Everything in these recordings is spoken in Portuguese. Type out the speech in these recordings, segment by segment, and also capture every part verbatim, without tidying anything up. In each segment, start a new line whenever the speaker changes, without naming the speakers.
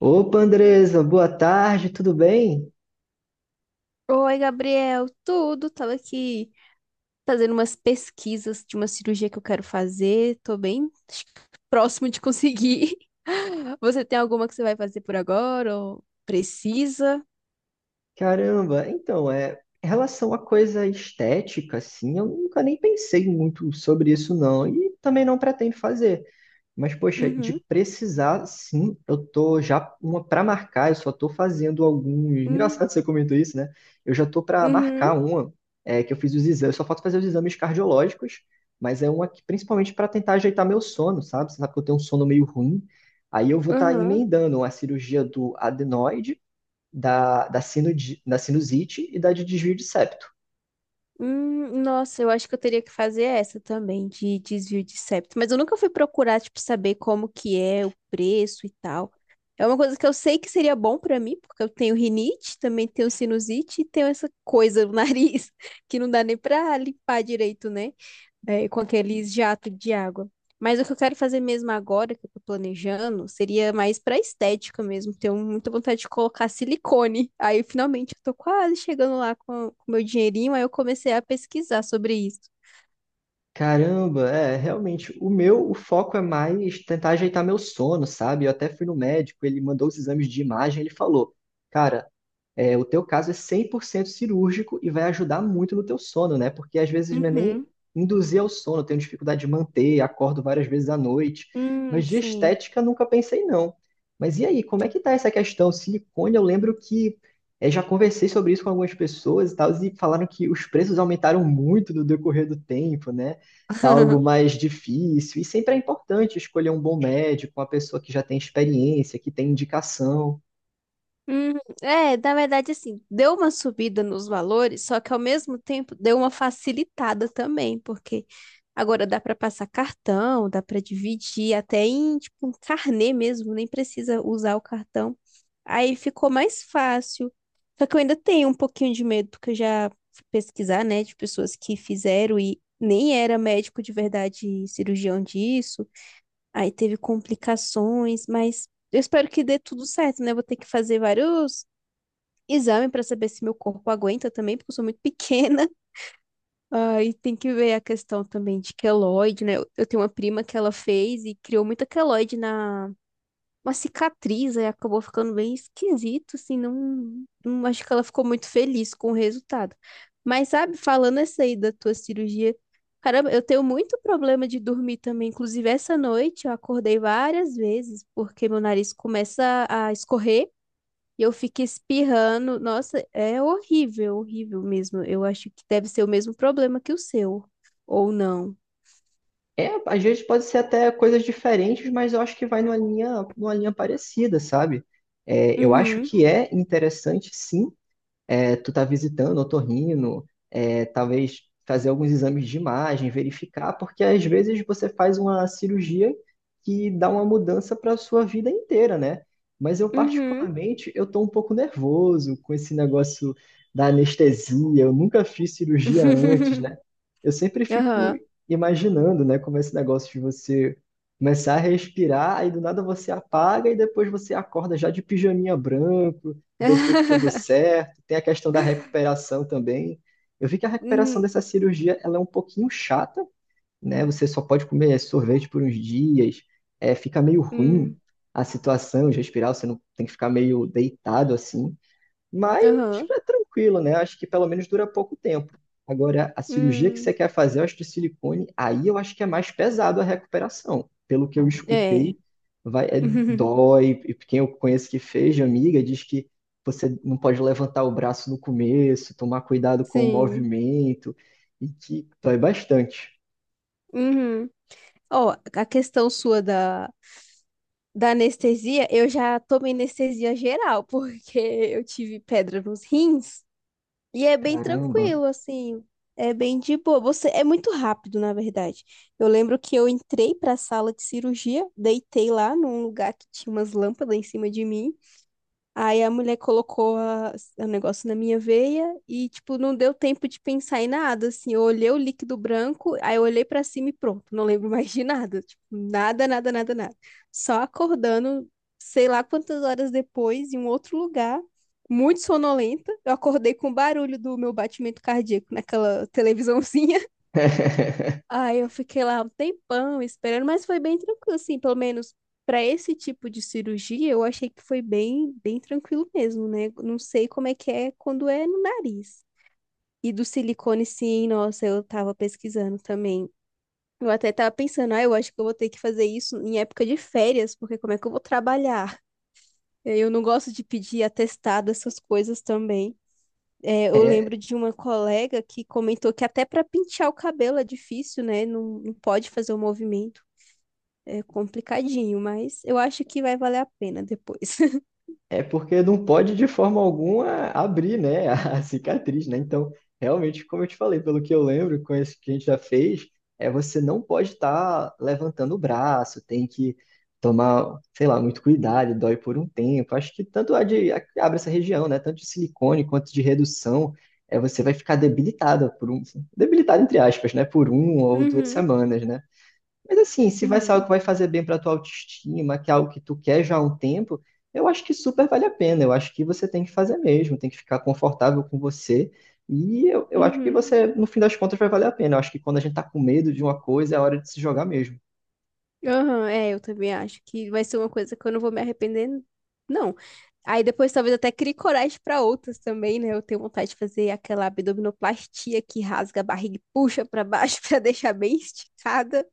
Opa, Andresa, boa tarde, tudo bem?
Oi, Gabriel, tudo? Tava aqui fazendo umas pesquisas de uma cirurgia que eu quero fazer. Tô bem próximo de conseguir. Você tem alguma que você vai fazer por agora ou precisa?
Caramba, então, é, em relação à coisa estética, assim, eu nunca nem pensei muito sobre isso, não, e também não pretendo fazer. Mas, poxa, de
Uhum.
precisar, sim, eu tô já uma para marcar, eu só tô fazendo alguns.
Hum.
Engraçado você comentou isso, né? Eu já tô para marcar
Uhum.
uma, é, que eu fiz os exames, só falta fazer os exames cardiológicos, mas é uma que principalmente para tentar ajeitar meu sono, sabe? Você sabe que eu tenho um sono meio ruim. Aí eu vou estar
Uhum.
emendando a cirurgia do adenoide, da, da, sinudi- da sinusite e da de desvio de septo.
Hum, nossa, eu acho que eu teria que fazer essa também, de desvio de septo. Mas eu nunca fui procurar, tipo, saber como que é o preço e tal. É uma coisa que eu sei que seria bom pra mim, porque eu tenho rinite, também tenho sinusite e tenho essa coisa no nariz que não dá nem pra limpar direito, né? É, com aqueles jatos de água. Mas o que eu quero fazer mesmo agora, que eu tô planejando, seria mais pra estética mesmo. Tenho muita vontade de colocar silicone. Aí, finalmente, eu tô quase chegando lá com o meu dinheirinho, aí eu comecei a pesquisar sobre isso.
Caramba, é, realmente, o meu, o foco é mais tentar ajeitar meu sono, sabe? Eu até fui no médico, ele mandou os exames de imagem, ele falou, cara, é, o teu caso é cem por cento cirúrgico e vai ajudar muito no teu sono, né? Porque às vezes não é nem
Uhum.
induzir ao sono, eu tenho dificuldade de manter, acordo várias vezes à noite. Mas
Hum,
de
sim.
estética nunca pensei não. Mas e aí, como é que tá essa questão? Silicone, eu lembro que é, já conversei sobre isso com algumas pessoas e tal, e falaram que os preços aumentaram muito no decorrer do tempo, né? Tá algo mais difícil. E sempre é importante escolher um bom médico, uma pessoa que já tem experiência, que tem indicação.
hum É, na verdade, assim, deu uma subida nos valores, só que ao mesmo tempo deu uma facilitada também, porque agora dá para passar cartão, dá para dividir até em tipo um carnê mesmo, nem precisa usar o cartão. Aí ficou mais fácil. Só que eu ainda tenho um pouquinho de medo, porque eu já fui pesquisar, né, de pessoas que fizeram e nem era médico de verdade, cirurgião disso. Aí teve complicações, mas eu espero que dê tudo certo, né? Eu Vou ter que fazer vários exames para saber se meu corpo aguenta também, porque eu sou muito pequena. Aí tem que ver a questão também de queloide, né? Eu eu tenho uma prima que ela fez e criou muita queloide na uma cicatriz, aí acabou ficando bem esquisito, assim, não, não acho que ela ficou muito feliz com o resultado. Mas sabe, falando essa aí da tua cirurgia, caramba, eu tenho muito problema de dormir também, inclusive essa noite eu acordei várias vezes porque meu nariz começa a escorrer e eu fico espirrando. Nossa, é horrível, horrível mesmo. Eu acho que deve ser o mesmo problema que o seu, ou não.
É, às vezes pode ser até coisas diferentes, mas eu acho que vai numa linha, numa linha parecida, sabe? É, eu acho
Uhum,
que é interessante, sim, é, tu tá visitando otorrino, é, talvez fazer alguns exames de imagem, verificar, porque às vezes você faz uma cirurgia que dá uma mudança para a sua vida inteira, né? Mas eu
uhum.
particularmente, eu tô um pouco nervoso com esse negócio da anestesia, eu nunca fiz cirurgia antes, né? Eu sempre fico
Aham.
imaginando, né, como é esse negócio de você começar a respirar, aí do nada você apaga e depois você acorda já de pijaminha branco, depois tudo certo. Tem a questão da recuperação também. Eu vi que a recuperação dessa cirurgia ela é um pouquinho chata, né? Você só pode comer sorvete por uns dias, é, fica meio ruim
Hum,
a situação de respirar, você não tem que ficar meio deitado assim. Mas
aham.
é tranquilo, né? Acho que pelo menos dura pouco tempo. Agora, a cirurgia que você
Hum,
quer fazer, eu acho que silicone, aí eu acho que é mais pesado a recuperação. Pelo que eu
é.
escutei, vai, é, dói. E quem eu conheço que fez, de amiga, diz que você não pode levantar o braço no começo, tomar cuidado com o
Sim.
movimento, e que dói bastante.
Uhum. Ó, a questão sua da, da anestesia, eu já tomei anestesia geral, porque eu tive pedra nos rins. E é bem
Caramba.
tranquilo, assim. É bem de boa. Você é muito rápido, na verdade. Eu lembro que eu entrei para a sala de cirurgia, deitei lá num lugar que tinha umas lâmpadas em cima de mim. Aí a mulher colocou a- o negócio na minha veia e, tipo, não deu tempo de pensar em nada, assim. Eu olhei o líquido branco, aí eu olhei pra cima e pronto, não lembro mais de nada. Tipo, nada, nada, nada, nada. Só acordando, sei lá quantas horas depois, em um outro lugar, muito sonolenta. Eu acordei com o barulho do meu batimento cardíaco naquela televisãozinha. Aí eu fiquei lá um tempão esperando, mas foi bem tranquilo, assim, pelo menos para esse tipo de cirurgia, eu achei que foi bem, bem tranquilo mesmo, né? Não sei como é que é quando é no nariz. E do silicone, sim, nossa, eu tava pesquisando também. Eu até tava pensando, ah, eu acho que eu vou ter que fazer isso em época de férias, porque como é que eu vou trabalhar? Eu não gosto de pedir atestado, essas coisas também. É, eu
É
lembro de uma colega que comentou que até para pentear o cabelo é difícil, né? Não, não pode fazer o movimento. É complicadinho, mas eu acho que vai valer a pena depois.
É porque não pode de forma alguma abrir, né, a cicatriz, né? Então, realmente, como eu te falei, pelo que eu lembro, com esse que a gente já fez, é você não pode estar levantando o braço, tem que tomar, sei lá, muito cuidado, dói por um tempo. Acho que tanto a de a que abre essa região, né, tanto de silicone quanto de redução, é você vai ficar debilitada por um, debilitada entre aspas, né, por um ou duas
Uhum,
semanas, né? Mas assim, se vai ser algo
uhum,
que vai fazer bem para tua autoestima, que é algo que tu quer já há um tempo, eu acho que super vale a pena. Eu acho que você tem que fazer mesmo, tem que ficar confortável com você. E eu, eu acho que
uhum.
você, no fim das contas, vai valer a pena. Eu acho que quando a gente tá com medo de uma coisa, é a hora de se jogar mesmo.
Aham, é, eu também acho que vai ser uma coisa que eu não vou me arrepender, não. Aí depois talvez até crie coragem para outras também, né? Eu tenho vontade de fazer aquela abdominoplastia que rasga a barriga e puxa para baixo para deixar bem esticada.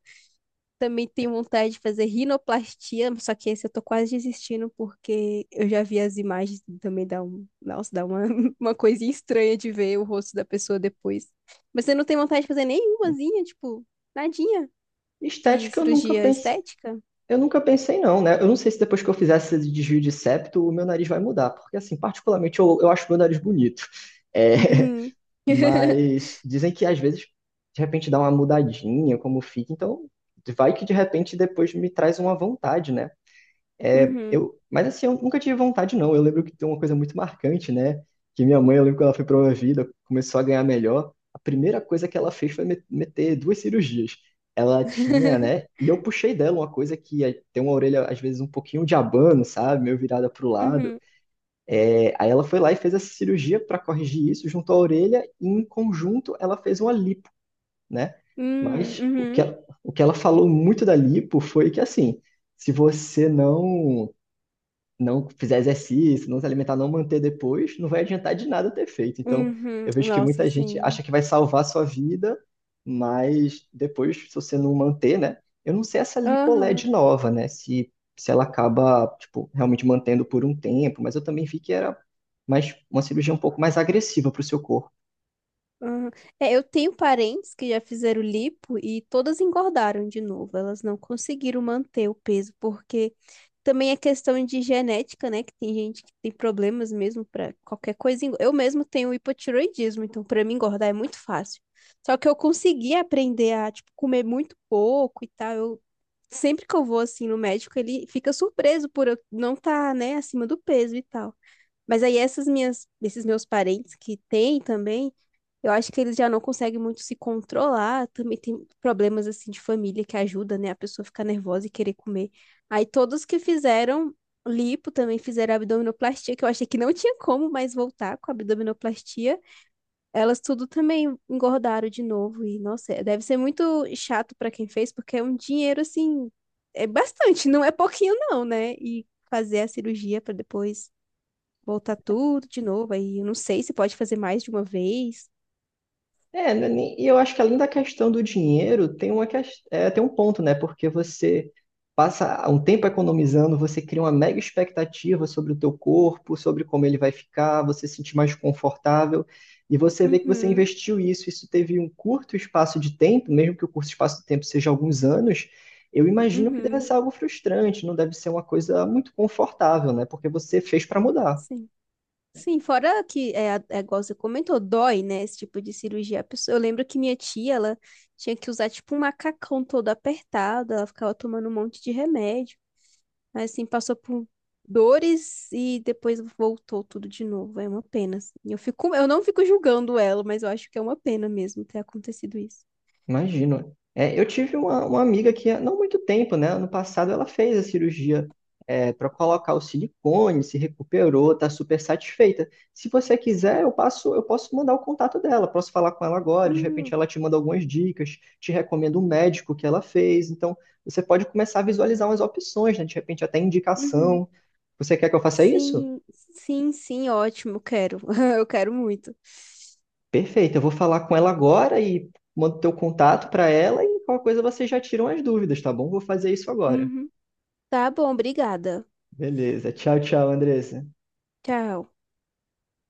Também tenho vontade de fazer rinoplastia, só que esse eu tô quase desistindo porque eu já vi as imagens e também dá um, nossa, dá uma, uma coisinha estranha de ver o rosto da pessoa depois. Mas você não tem vontade de fazer nenhumazinha, tipo, nadinha de
Estética, eu nunca
cirurgia
pensei,
estética?
eu nunca pensei não, né? Eu não sei se depois que eu fizesse esse desvio de septo, o meu nariz vai mudar, porque assim, particularmente eu, eu acho meu nariz bonito. É,
Uhum.
mas dizem que às vezes, de repente, dá uma mudadinha como fica. Então, vai que de repente depois me traz uma vontade, né? É,
Uhum.
eu, mas assim, eu nunca tive vontade, não. Eu lembro que tem uma coisa muito marcante, né? Que minha mãe, eu lembro que ela foi promovida, começou a ganhar melhor. A primeira coisa que ela fez foi me- meter duas cirurgias. Ela tinha, né? E eu puxei dela uma coisa que é- tem uma orelha, às vezes, um pouquinho de abano, sabe? Meio virada pro lado.
Uhum.
É, aí ela foi lá e fez essa cirurgia para corrigir isso junto à orelha e em conjunto ela fez uma lipo, né?
Uhum.
Mas o que
Uhum.
ela, o que ela falou muito da lipo foi que assim, se você não não fizer exercício, não se alimentar, não manter depois, não vai adiantar de nada ter feito. Então,
Uhum.
eu vejo que
Nossa,
muita gente
sim.
acha que vai salvar a sua vida, mas depois, se você não manter, né? Eu não sei essa LipoLed
Aham.
nova, né? Se, se ela acaba, tipo, realmente mantendo por um tempo, mas eu também vi que era mais, uma cirurgia um pouco mais agressiva para o seu corpo.
Aham. É, eu tenho parentes que já fizeram lipo e todas engordaram de novo. Elas não conseguiram manter o peso, porque também é questão de genética, né? Que tem gente que tem problemas mesmo para qualquer coisa. engo- Eu mesmo tenho hipotiroidismo, então para mim engordar é muito fácil. Só que eu consegui aprender a, tipo, comer muito pouco e tal. Eu, sempre que eu vou assim no médico, ele fica surpreso por eu não estar, né, acima do peso e tal. Mas aí essas minhas, esses meus parentes que têm também, eu acho que eles já não conseguem muito se controlar, também tem problemas assim de família que ajuda, né, a pessoa ficar nervosa e querer comer. Aí todos que fizeram lipo também fizeram abdominoplastia, que eu achei que não tinha como mais voltar com a abdominoplastia. Elas tudo também engordaram de novo e nossa, é, deve ser muito chato para quem fez, porque é um dinheiro assim, é bastante, não é pouquinho não, né? E fazer a cirurgia para depois voltar tudo de novo. Aí eu não sei se pode fazer mais de uma vez.
É, né, nem- e eu acho que além da questão do dinheiro, tem uma ques- é, tem um ponto, né? Porque você passa um tempo economizando, você cria uma mega expectativa sobre o teu corpo, sobre como ele vai ficar, você se sentir mais confortável, e você vê que você
Uhum,
investiu isso, isso teve um curto espaço de tempo, mesmo que o curto espaço de tempo seja alguns anos, eu imagino que deve
uhum,
ser algo frustrante, não deve ser uma coisa muito confortável, né? Porque você fez para mudar.
sim. Sim, fora que, é, a- é igual você comentou, dói, né, esse tipo de cirurgia. A pessoa- Eu lembro que minha tia, ela tinha que usar, tipo, um macacão todo apertado, ela ficava tomando um monte de remédio. assim, passou por dores e depois voltou tudo de novo. É uma pena. assim. Eu fico, eu não fico julgando ela, mas eu acho que é uma pena mesmo ter acontecido isso.
Imagino. É, eu tive uma, uma amiga que há não muito tempo, né? Ano passado ela fez a cirurgia para colocar o silicone, se recuperou, tá super satisfeita. Se você quiser, eu passo, eu posso mandar o contato dela, posso falar com ela agora, de repente
Hum,
ela te manda algumas dicas, te recomenda um médico que ela fez. Então, você pode começar a visualizar umas opções, né? De repente até
uhum.
indicação. Você quer que eu faça isso?
Sim, sim, sim, ótimo, quero. Eu quero muito.
Perfeito, eu vou falar com ela agora e mando teu contato para ela e qualquer coisa vocês já tiram as dúvidas, tá bom? Vou fazer isso agora.
Uhum. Tá bom, obrigada.
Beleza. Tchau, tchau, Andressa.
Tchau.